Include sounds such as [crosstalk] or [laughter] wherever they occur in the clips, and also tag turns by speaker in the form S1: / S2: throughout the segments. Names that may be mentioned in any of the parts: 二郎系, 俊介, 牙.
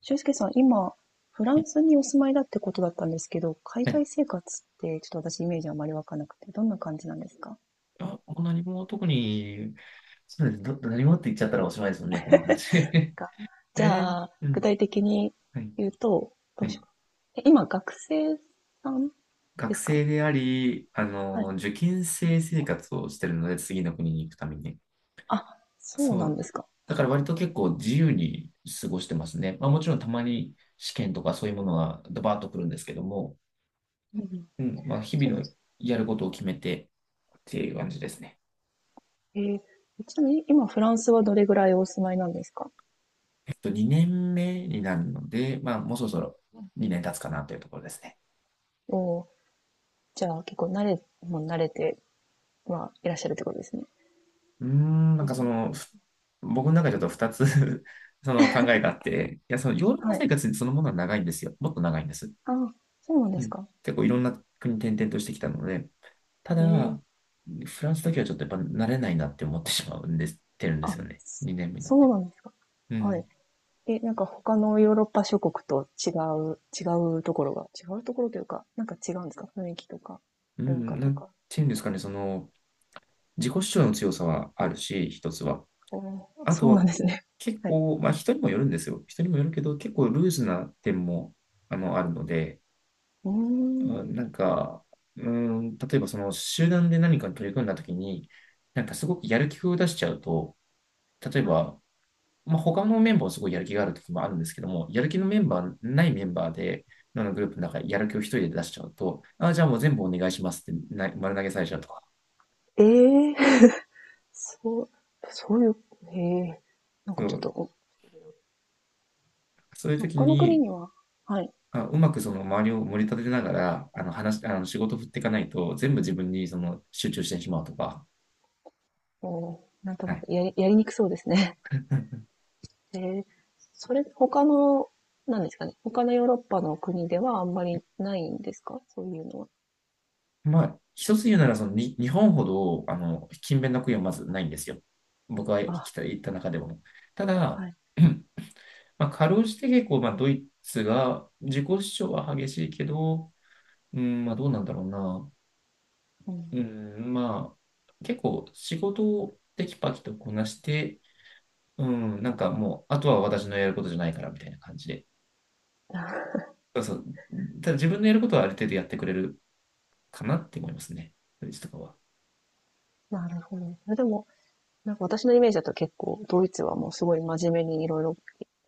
S1: 俊介さん、今、フラン
S2: は
S1: スにお住まいだってことだったんですけど、海外
S2: い。
S1: 生活ってちょっと私イメージあまりわかなくて、どんな感じなんですか？
S2: あ、もう何も特に、そうです。何もって言っちゃったらおしまいですもんね、この話。
S1: なん
S2: [laughs]
S1: かじ
S2: え
S1: ゃあ、
S2: う
S1: 具
S2: ん。
S1: 体的に
S2: はい。
S1: 言うと、どう
S2: は
S1: し
S2: い。
S1: よう。え、今、学生さんで
S2: 学
S1: すか？
S2: 生であり、
S1: はい。
S2: 受験生生活をしてるので、次の国に行くために。
S1: あ、そう
S2: そ
S1: なん
S2: う。
S1: ですか。
S2: だから割と結構自由に過ごしてますね。まあもちろんたまに試験とかそういうものがドバーッと来るんですけども、
S1: うんうん。
S2: うん。まあ日
S1: そうな
S2: 々
S1: んで
S2: の
S1: す。
S2: やることを決めてっていう感じですね。
S1: えー、ちなみに今フランスはどれぐらいお住まいなんですか？
S2: 2年目になるので、まあ、もうそろそろ
S1: うんうん。
S2: 2年経つかなというところですね。
S1: おー、じゃあ結構慣れ、もう慣れて、まあ、いらっしゃるってことですね。
S2: うーん、
S1: う
S2: なんかそ
S1: ん。
S2: の、僕の中でちょっと2つ [laughs] その考えがあって、いや、そのヨーロッ
S1: は
S2: パ
S1: い。
S2: 生活そのものは長いんですよ。もっと長いんです。
S1: あ、そうなんで
S2: う
S1: す
S2: ん。
S1: か。
S2: 結構いろんな国転々としてきたので、た
S1: え
S2: だ、
S1: え。
S2: フランスだけはちょっとやっぱ慣れないなって思ってしまうんです、てるんで
S1: あ、
S2: すよね。2年目に
S1: そ
S2: なっ
S1: そう
S2: て。
S1: なんですか。
S2: う
S1: はい。
S2: ん。
S1: え、なんか他のヨーロッパ諸国と違う、違うところが、違うところというか、なんか違うんですか？雰囲気とか、
S2: う
S1: 文化
S2: ん、な
S1: と
S2: ん
S1: か。
S2: ていうんですかね、その、自己主張の強さはあるし、一つは。
S1: おー
S2: あ
S1: そ
S2: と
S1: うなん
S2: は
S1: ですね。
S2: 結
S1: はい。
S2: 構、まあ人にもよるんですよ。人にもよるけど、結構ルーズな点も、あるので、
S1: うーん。
S2: うんなんか、うん、例えばその集団で何かに取り組んだときに、なんかすごくやる気を出しちゃうと、例え
S1: はい。
S2: ば、まあ、他のメンバーはすごいやる気があるときもあるんですけども、やる気のメンバー、ないメンバーで、あのグループの中でやる気を一人で出しちゃうと、あ、じゃあもう全部お願いしますってな丸投げされちゃうとか、
S1: えー、そう、そういう、へえ、なんか
S2: そ
S1: ちょっと、
S2: う、
S1: お
S2: そういうとき
S1: 他の国
S2: に、
S1: には、はい、
S2: あ、うまくその周りを盛り立てながら、あの話、あの仕事振っていかないと、全部自分にその集中してしまうとか。
S1: お、なんと
S2: は
S1: なく
S2: い。
S1: やり、やりにくそうですね。
S2: [laughs]
S1: [laughs] ええ、それ、他の、なんですかね。他のヨーロッパの国ではあんまりないんですかそういうのは。
S2: まあ、一つ言うなら、そのに、日本ほど、勤勉な国はまずないんですよ。僕が
S1: あ、
S2: 行った中でも。ただ、
S1: はい。
S2: [clears throat] まあ、かろうじて結構、まあ、ドイツが、自己主張は激しいけど、うん、まあ、どうなんだろうな。
S1: うん。
S2: うん、まあ、結構、仕事をテキパキとこなして、うん、なんかもう、あとは私のやることじゃないから、みたいな感じで。
S1: あ、
S2: そうそう。ただ自分のやることはある程度やってくれるかなって思いますね。ドイツとかは。
S1: なるほど。え、でも、なんか私のイメージだと結構ドイツはもうすごい真面目にいろいろ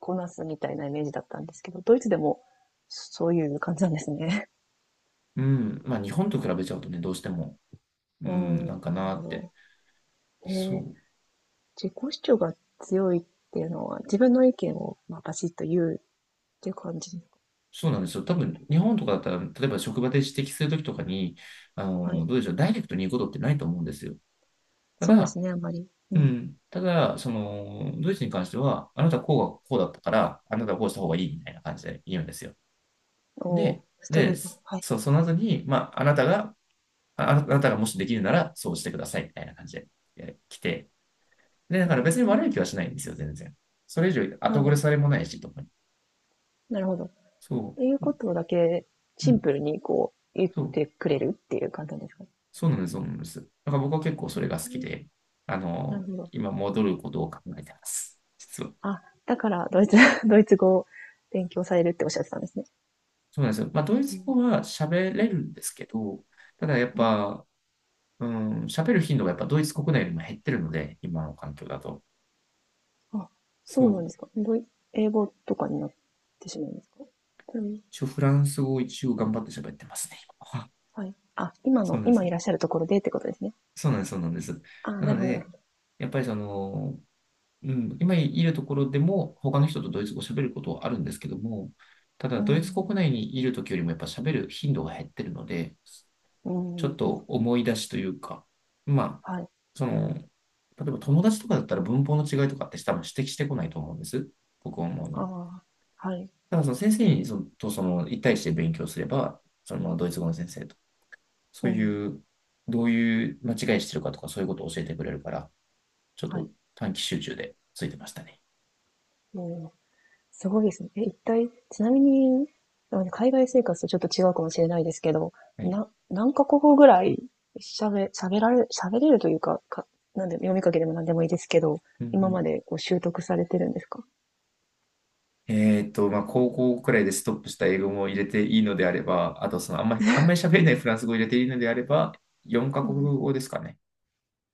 S1: こなすみたいなイメージだったんですけど、ドイツでもそういう感じなんですね。
S2: うん。まあ日本と比べちゃうとね、どうしても、
S1: [laughs]
S2: う
S1: う
S2: ん、
S1: ー
S2: な
S1: ん、
S2: ん
S1: あ、
S2: か
S1: なる
S2: な
S1: ほ
S2: って。
S1: ど。
S2: そ
S1: へ、
S2: う。
S1: 自己主張が強いっていうのは自分の意見を、まあ、バシッと言うっていう感じ。
S2: そうなんですよ。多分、日本とかだったら、例えば職場で指摘するときとかに、
S1: はい。
S2: どうでしょう、ダイレクトに言うことってないと思うんですよ。た
S1: そうです
S2: だ、
S1: ね、あんまり。
S2: う
S1: うん。
S2: ん。ただ、その、ドイツに関しては、あなたはこうがこうだったから、あなたはこうした方がいいみたいな感じで言うんですよ。
S1: おー
S2: で、
S1: ストレー
S2: そ
S1: ト。はい。
S2: そう、その後に、まあ、あなたがもしできるならそうしてくださいみたいな感じで来て、で、だ
S1: う
S2: から別に
S1: ん。
S2: 悪い気はしないんですよ、全然。それ以上
S1: な
S2: 後
S1: る
S2: 暮
S1: ほ
S2: れ
S1: ど
S2: されもないし、とかに。
S1: なるほど。
S2: そ
S1: ていうことだけ、
S2: う、う
S1: シン
S2: ん、
S1: プルにこう、言っ
S2: そう、
S1: てくれるっていう感じなんですかね。
S2: そうなんです、そうなんです。だから僕は結構それが好き
S1: う
S2: で、
S1: ん、なるほど。
S2: 今戻ることを考えてます、実は。
S1: あ、だからドイツ [laughs] ドイツ語を勉強されるっておっしゃってたんですね。
S2: そうなんですよ。まあ、ドイ
S1: う
S2: ツ
S1: ん。
S2: 語は喋れるんですけど、ただやっ
S1: うん。
S2: ぱ、うん、喋る頻度がやっぱドイツ国内よりも減ってるので、今の環境だと。
S1: あ、そ
S2: そ
S1: うなんです
S2: う。
S1: か。ドイ英語とかになってしまうんですか？うん。
S2: 一応フランス語を一応頑張って喋ってますね、今は。
S1: はい。あ、
S2: [laughs]
S1: 今
S2: そ
S1: の
S2: うなんで
S1: 今
S2: す
S1: い
S2: よ。
S1: らっしゃるところでってことですね。
S2: そうなんです、そうなんです。
S1: あ、
S2: な
S1: なる
S2: の
S1: ほどなる
S2: で、
S1: ほ
S2: やっぱりその、うん、今いるところでも、他の人とドイツ語を喋ることはあるんですけども、ただ、
S1: ど。う
S2: ドイツ国
S1: ん。
S2: 内にいるときよりもやっぱ喋る頻度が減ってるので、
S1: うんう
S2: ちょっ
S1: んう
S2: と
S1: ん。
S2: 思い出しというか、まあ、
S1: はい。
S2: その、例えば友達とかだったら文法の違いとかって多分指摘してこないと思うんです。僕は思う
S1: あ
S2: に。
S1: あ、はい。
S2: ただ、その先生にそのとその一対一で勉強すれば、そのままドイツ語の先生と、
S1: う
S2: そう
S1: ん、
S2: いう、どういう間違いしてるかとか、そういうことを教えてくれるから、ちょっ
S1: はい。
S2: と短期集中でついてましたね。
S1: すごいですね。え、一体、ちなみに、あの、海外生活とちょっと違うかもしれないですけど、
S2: はい。
S1: な、何カ国語ぐらい喋、喋られ、喋れるというか、か、なんで、読み書きでも何でもいいですけど、
S2: うん
S1: 今
S2: う
S1: ま
S2: ん
S1: でこう習得されてるんですか？
S2: まあ、高校くらいでストップした英語も入れていいのであれば、あと、その、あんまり喋れないフランス語を入れていいのであれば、4カ
S1: う
S2: 国
S1: ん。
S2: 語ですかね。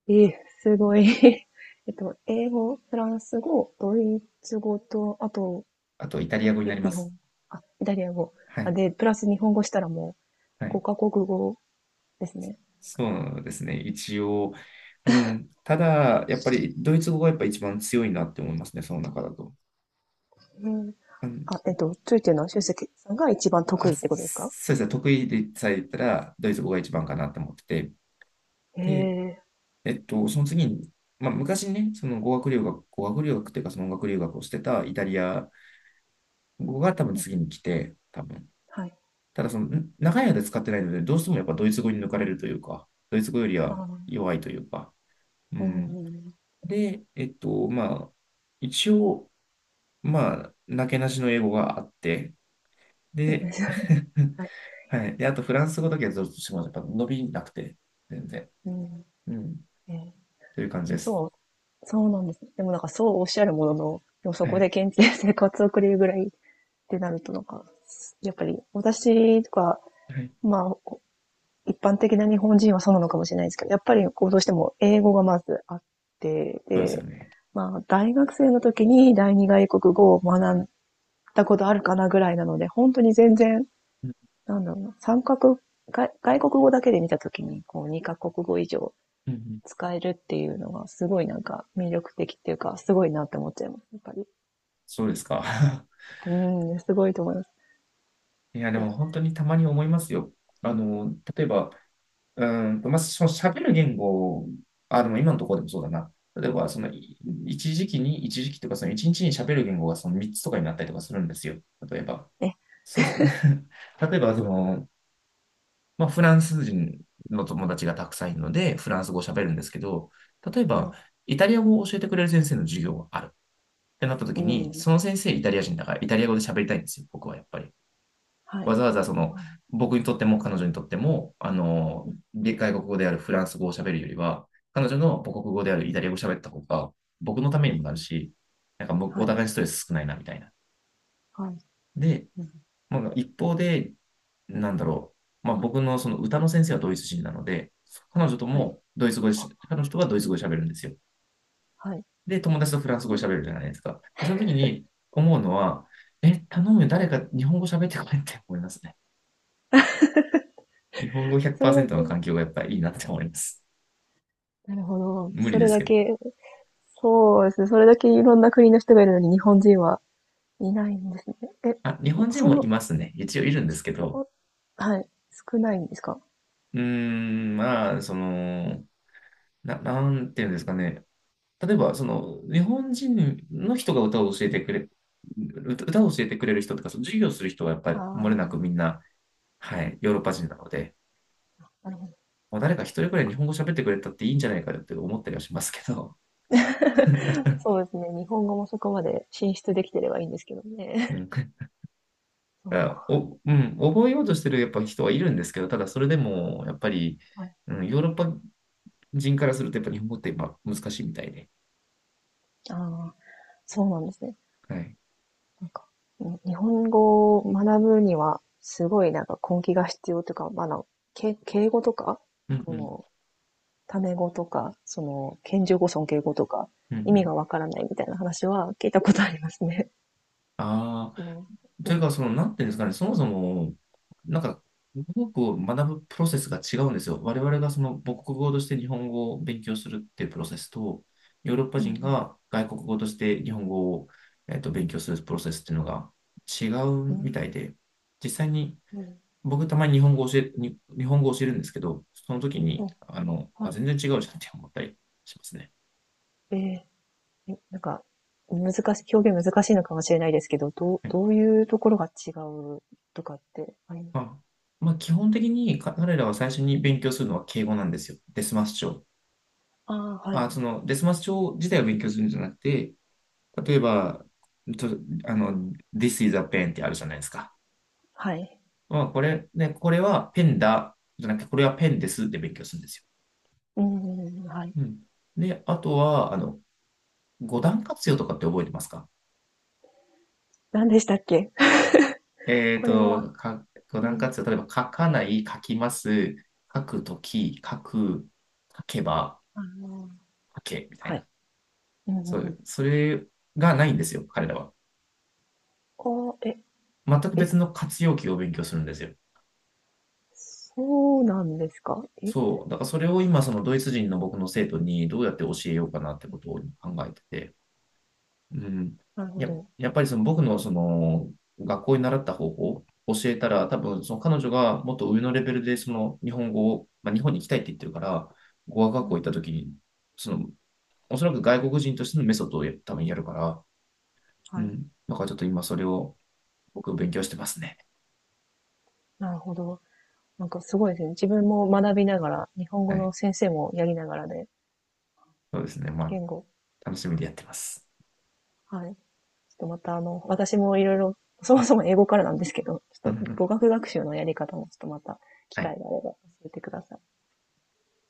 S1: ええ、すごい。[laughs] えっと、英語、フランス語、ドイツ語と、あと、
S2: あと、イタ
S1: あ、
S2: リア語に
S1: よ
S2: なりま
S1: 日本、
S2: す。
S1: あ、イタリア語。
S2: は
S1: あ、
S2: い。
S1: で、プラス日本語したらもう
S2: は
S1: 5
S2: い。
S1: カ国語ですね。
S2: そうですね。一応、うん。ただ、やっぱり、ドイツ語がやっぱ一番強いなって思いますね、その中だと。
S1: うん。
S2: うん。
S1: あ、えっと、ついてるのは修介さんが一番得
S2: あ、
S1: 意っ
S2: そ
S1: てことですか？
S2: そうですね。得意でさえ言ったら、ドイツ語が一番かなって思ってて。
S1: へ
S2: で、
S1: え、
S2: その次に、まあ、昔ね、その語学留学っていうか、その音楽留学をしてたイタリア語が多分
S1: うん、
S2: 次に来て、多分。
S1: はい。
S2: ただ、その、長い間使ってないので、どうしてもやっぱドイツ語に抜かれるというか、ドイツ語より
S1: あ
S2: は
S1: あ、
S2: 弱いというか、う
S1: う
S2: ん。
S1: んうん。
S2: で、まあ、一応、まあ、なけなしの英語があって、で、
S1: [laughs]
S2: [laughs]
S1: はい。
S2: はい。で、あとフランス語だけはどうしてもやっぱ伸びなくて、全然。
S1: うん。
S2: うん。
S1: えー、
S2: という感
S1: で
S2: じ
S1: も
S2: です。
S1: そうそうなんですね。でもなんかそうおっしゃるものの、でもそ
S2: は
S1: こで
S2: い。
S1: 現地で生活を送れるぐらいってなるとなんか、やっぱり私とか、
S2: はい。
S1: まあ、一般的な日本人はそうなのかもしれないですけど、やっぱりこうどうしても英語がまずあって、
S2: そうですよ
S1: で、
S2: ね。
S1: まあ、大学生の時に第二外国語を学んだことあるかなぐらいなので、本当に全然
S2: うん
S1: なんだろうな、三角、外外国語だけで見たときに、こう、二カ国語以上
S2: うんうん
S1: 使えるっていうのが、すごいなんか魅力的っていうか、すごいなって思っちゃいます、やっぱり。
S2: そうですか。[laughs]
S1: うん、すごいと思います。
S2: いや、で
S1: で、
S2: も本当にたまに思いますよ。例えば、まあ、その喋る言語、あ、でも今のところでもそうだな。例えば、その、い一時期に、一時期とか、その一日に喋る言語がその3つとかになったりとかするんですよ。例えば。
S1: え、
S2: そうす、[laughs] 例えば、その、まあ、フランス人の友達がたくさんいるので、フランス語を喋るんですけど、例え
S1: は
S2: ば、
S1: い、
S2: イタリア語を教えてくれる先生の授業があるってなった
S1: う
S2: 時に、そ
S1: ん、
S2: の先生イタリア人だから、イタリア語で喋りたいんですよ、僕はやっぱり。
S1: はい、
S2: わざわざその、僕にとっても彼女にとっても、外国語であるフランス語を喋るよりは、彼女の母国語であるイタリア語を喋った方が、僕のため
S1: う
S2: にもなる
S1: ん、
S2: し、なんかお
S1: はい、
S2: 互いストレス少ないな、みたいな。
S1: はい、
S2: で、
S1: うん、
S2: まあ、一方で、なんだろう、まあ、僕のその歌の先生はドイツ人なので、彼女と
S1: はい、
S2: もドイツ語で彼女とはドイツ語で喋るんですよ。
S1: はい。
S2: で、友達とフランス語で喋るじゃないですか。で、その時に思うのは、え、頼むよ、誰か日本語喋ってこいって思いますね。日本語
S1: それだけ、
S2: 100%の環境がやっぱりいいなって思います。
S1: なるほど。
S2: 無
S1: そ
S2: 理
S1: れ
S2: です
S1: だ
S2: けどね。
S1: け、そうですね。それだけいろんな国の人がいるのに日本人はいないんですね。え、
S2: あ、日本人
S1: そ
S2: もい
S1: の、
S2: ますね。一応いるんです
S1: す
S2: けど、
S1: ご、はい、少ないんですか？
S2: うーん、まあ、その、なんていうんですかね。例えば、その、日本人の人が歌を教えてくれる人とか、その授業する人はやっぱ
S1: あ
S2: り漏れ
S1: あ
S2: なく
S1: ー、
S2: みんな、はい、ヨーロッパ人なので、
S1: なるほど。
S2: まあ誰か一人くらい日本語喋ってくれたっていいんじゃないかって思ったりはしますけど。
S1: そうですね。日本語もそこまで進出できてればいいんですけど
S2: [laughs] う
S1: ね。
S2: ん
S1: [laughs] そうか。
S2: うん、覚えようとしてるやっぱ人はいるんですけど、ただそれでも、やっぱり、
S1: はい。
S2: うん、ヨーロッパ人からすると、やっぱ日本語ってやっぱ難しいみたいで。
S1: ああ、そうなんですね。
S2: はい。
S1: なんか、うん、日本語を学ぶには、すごいなんか根気が必要というか、まあ、あの、け敬語とか、
S2: うん
S1: そ
S2: うん。
S1: の、タメ語とか、その、謙譲語、尊敬語とか、
S2: うんう
S1: 意味が
S2: ん。
S1: わからないみたいな話は聞いたことありますね。[laughs]
S2: あ
S1: そ
S2: あ、
S1: の、う
S2: と
S1: ん
S2: いうか、その、なんていうんですかね、そもそも、なんか、母国を学ぶプロセスが違うんですよ。我々がその母国語として日本語を勉強するっていうプロセスと、ヨーロッパ
S1: う
S2: 人
S1: ん
S2: が外国語として日本語を、勉強するプロセスっていうのが違
S1: う
S2: うみた
S1: ん。
S2: いで、実際に
S1: うん、
S2: 僕たまに日本語教えるんですけど、その時
S1: う
S2: に、
S1: ん、は
S2: あ、
S1: い。
S2: 全然違うじゃんって思ったりしますね。
S1: えー、え、なんか、難しい、表現難しいのかもしれないですけど、どう、
S2: はい。
S1: どういうところが違うとかってありま
S2: ま
S1: す？
S2: あ、まあ、基本的に彼らは最初に勉強するのは敬語なんですよ。デスマス帳。
S1: ああ、はい。
S2: あ、その、デスマス帳自体を勉強するんじゃなくて、例えば、と、This is a pen ってあるじゃないですか。
S1: はい。
S2: まあ、これ、ね、これはペンだ、じゃなくて、これはペンですって勉強するんですよ。
S1: うん、うん、はい。
S2: うん。で、あとは、五段活用とかって覚えてますか？
S1: 何でしたっけ？ [laughs]
S2: えっ
S1: これは、
S2: と、か、五
S1: う
S2: 段
S1: ん、
S2: 活用、例えば書かない、書きます、書くとき、書く、書けば、
S1: あの、
S2: 書け、みた
S1: は
S2: い
S1: い。
S2: な。
S1: うん、う
S2: そ
S1: ん、
S2: う
S1: う
S2: いう、
S1: ん。
S2: それがないんですよ、彼らは。
S1: ああ、え、
S2: 全く
S1: え、
S2: 別の活用形を勉強するんですよ。
S1: そうなんですか？え、
S2: そう。だからそれを今、そのドイツ人の僕の生徒にどうやって教えようかなってことを考えてて。うん。
S1: なるほ
S2: や、
S1: ど。
S2: やっぱりその僕のその学校に習った方法を教えたら、多分その彼女がもっと上のレベルでその日本語を、まあ、日本に行きたいって言ってるから、語学
S1: うん、
S2: 学
S1: う
S2: 校行った
S1: ん、
S2: 時に、その、おそらく外国人としてのメソッドを多分やるから、う
S1: はい。
S2: ん。だからちょっと今それを僕勉強してますね。
S1: なるほど。なんかすごいですね。自分も学びながら、日本語
S2: は
S1: の
S2: い。
S1: 先生もやりながらで、
S2: そうですね。ま
S1: 言語。
S2: あ、楽しみで
S1: は
S2: やってます。
S1: い。ちょっとまたあの、私もいろいろ、そもそも英語からなんですけど、ちょ
S2: う
S1: っ
S2: んう
S1: と
S2: ん
S1: 語学学習のやり方もちょっとまた機
S2: は
S1: 会
S2: い。
S1: があれば教えてください。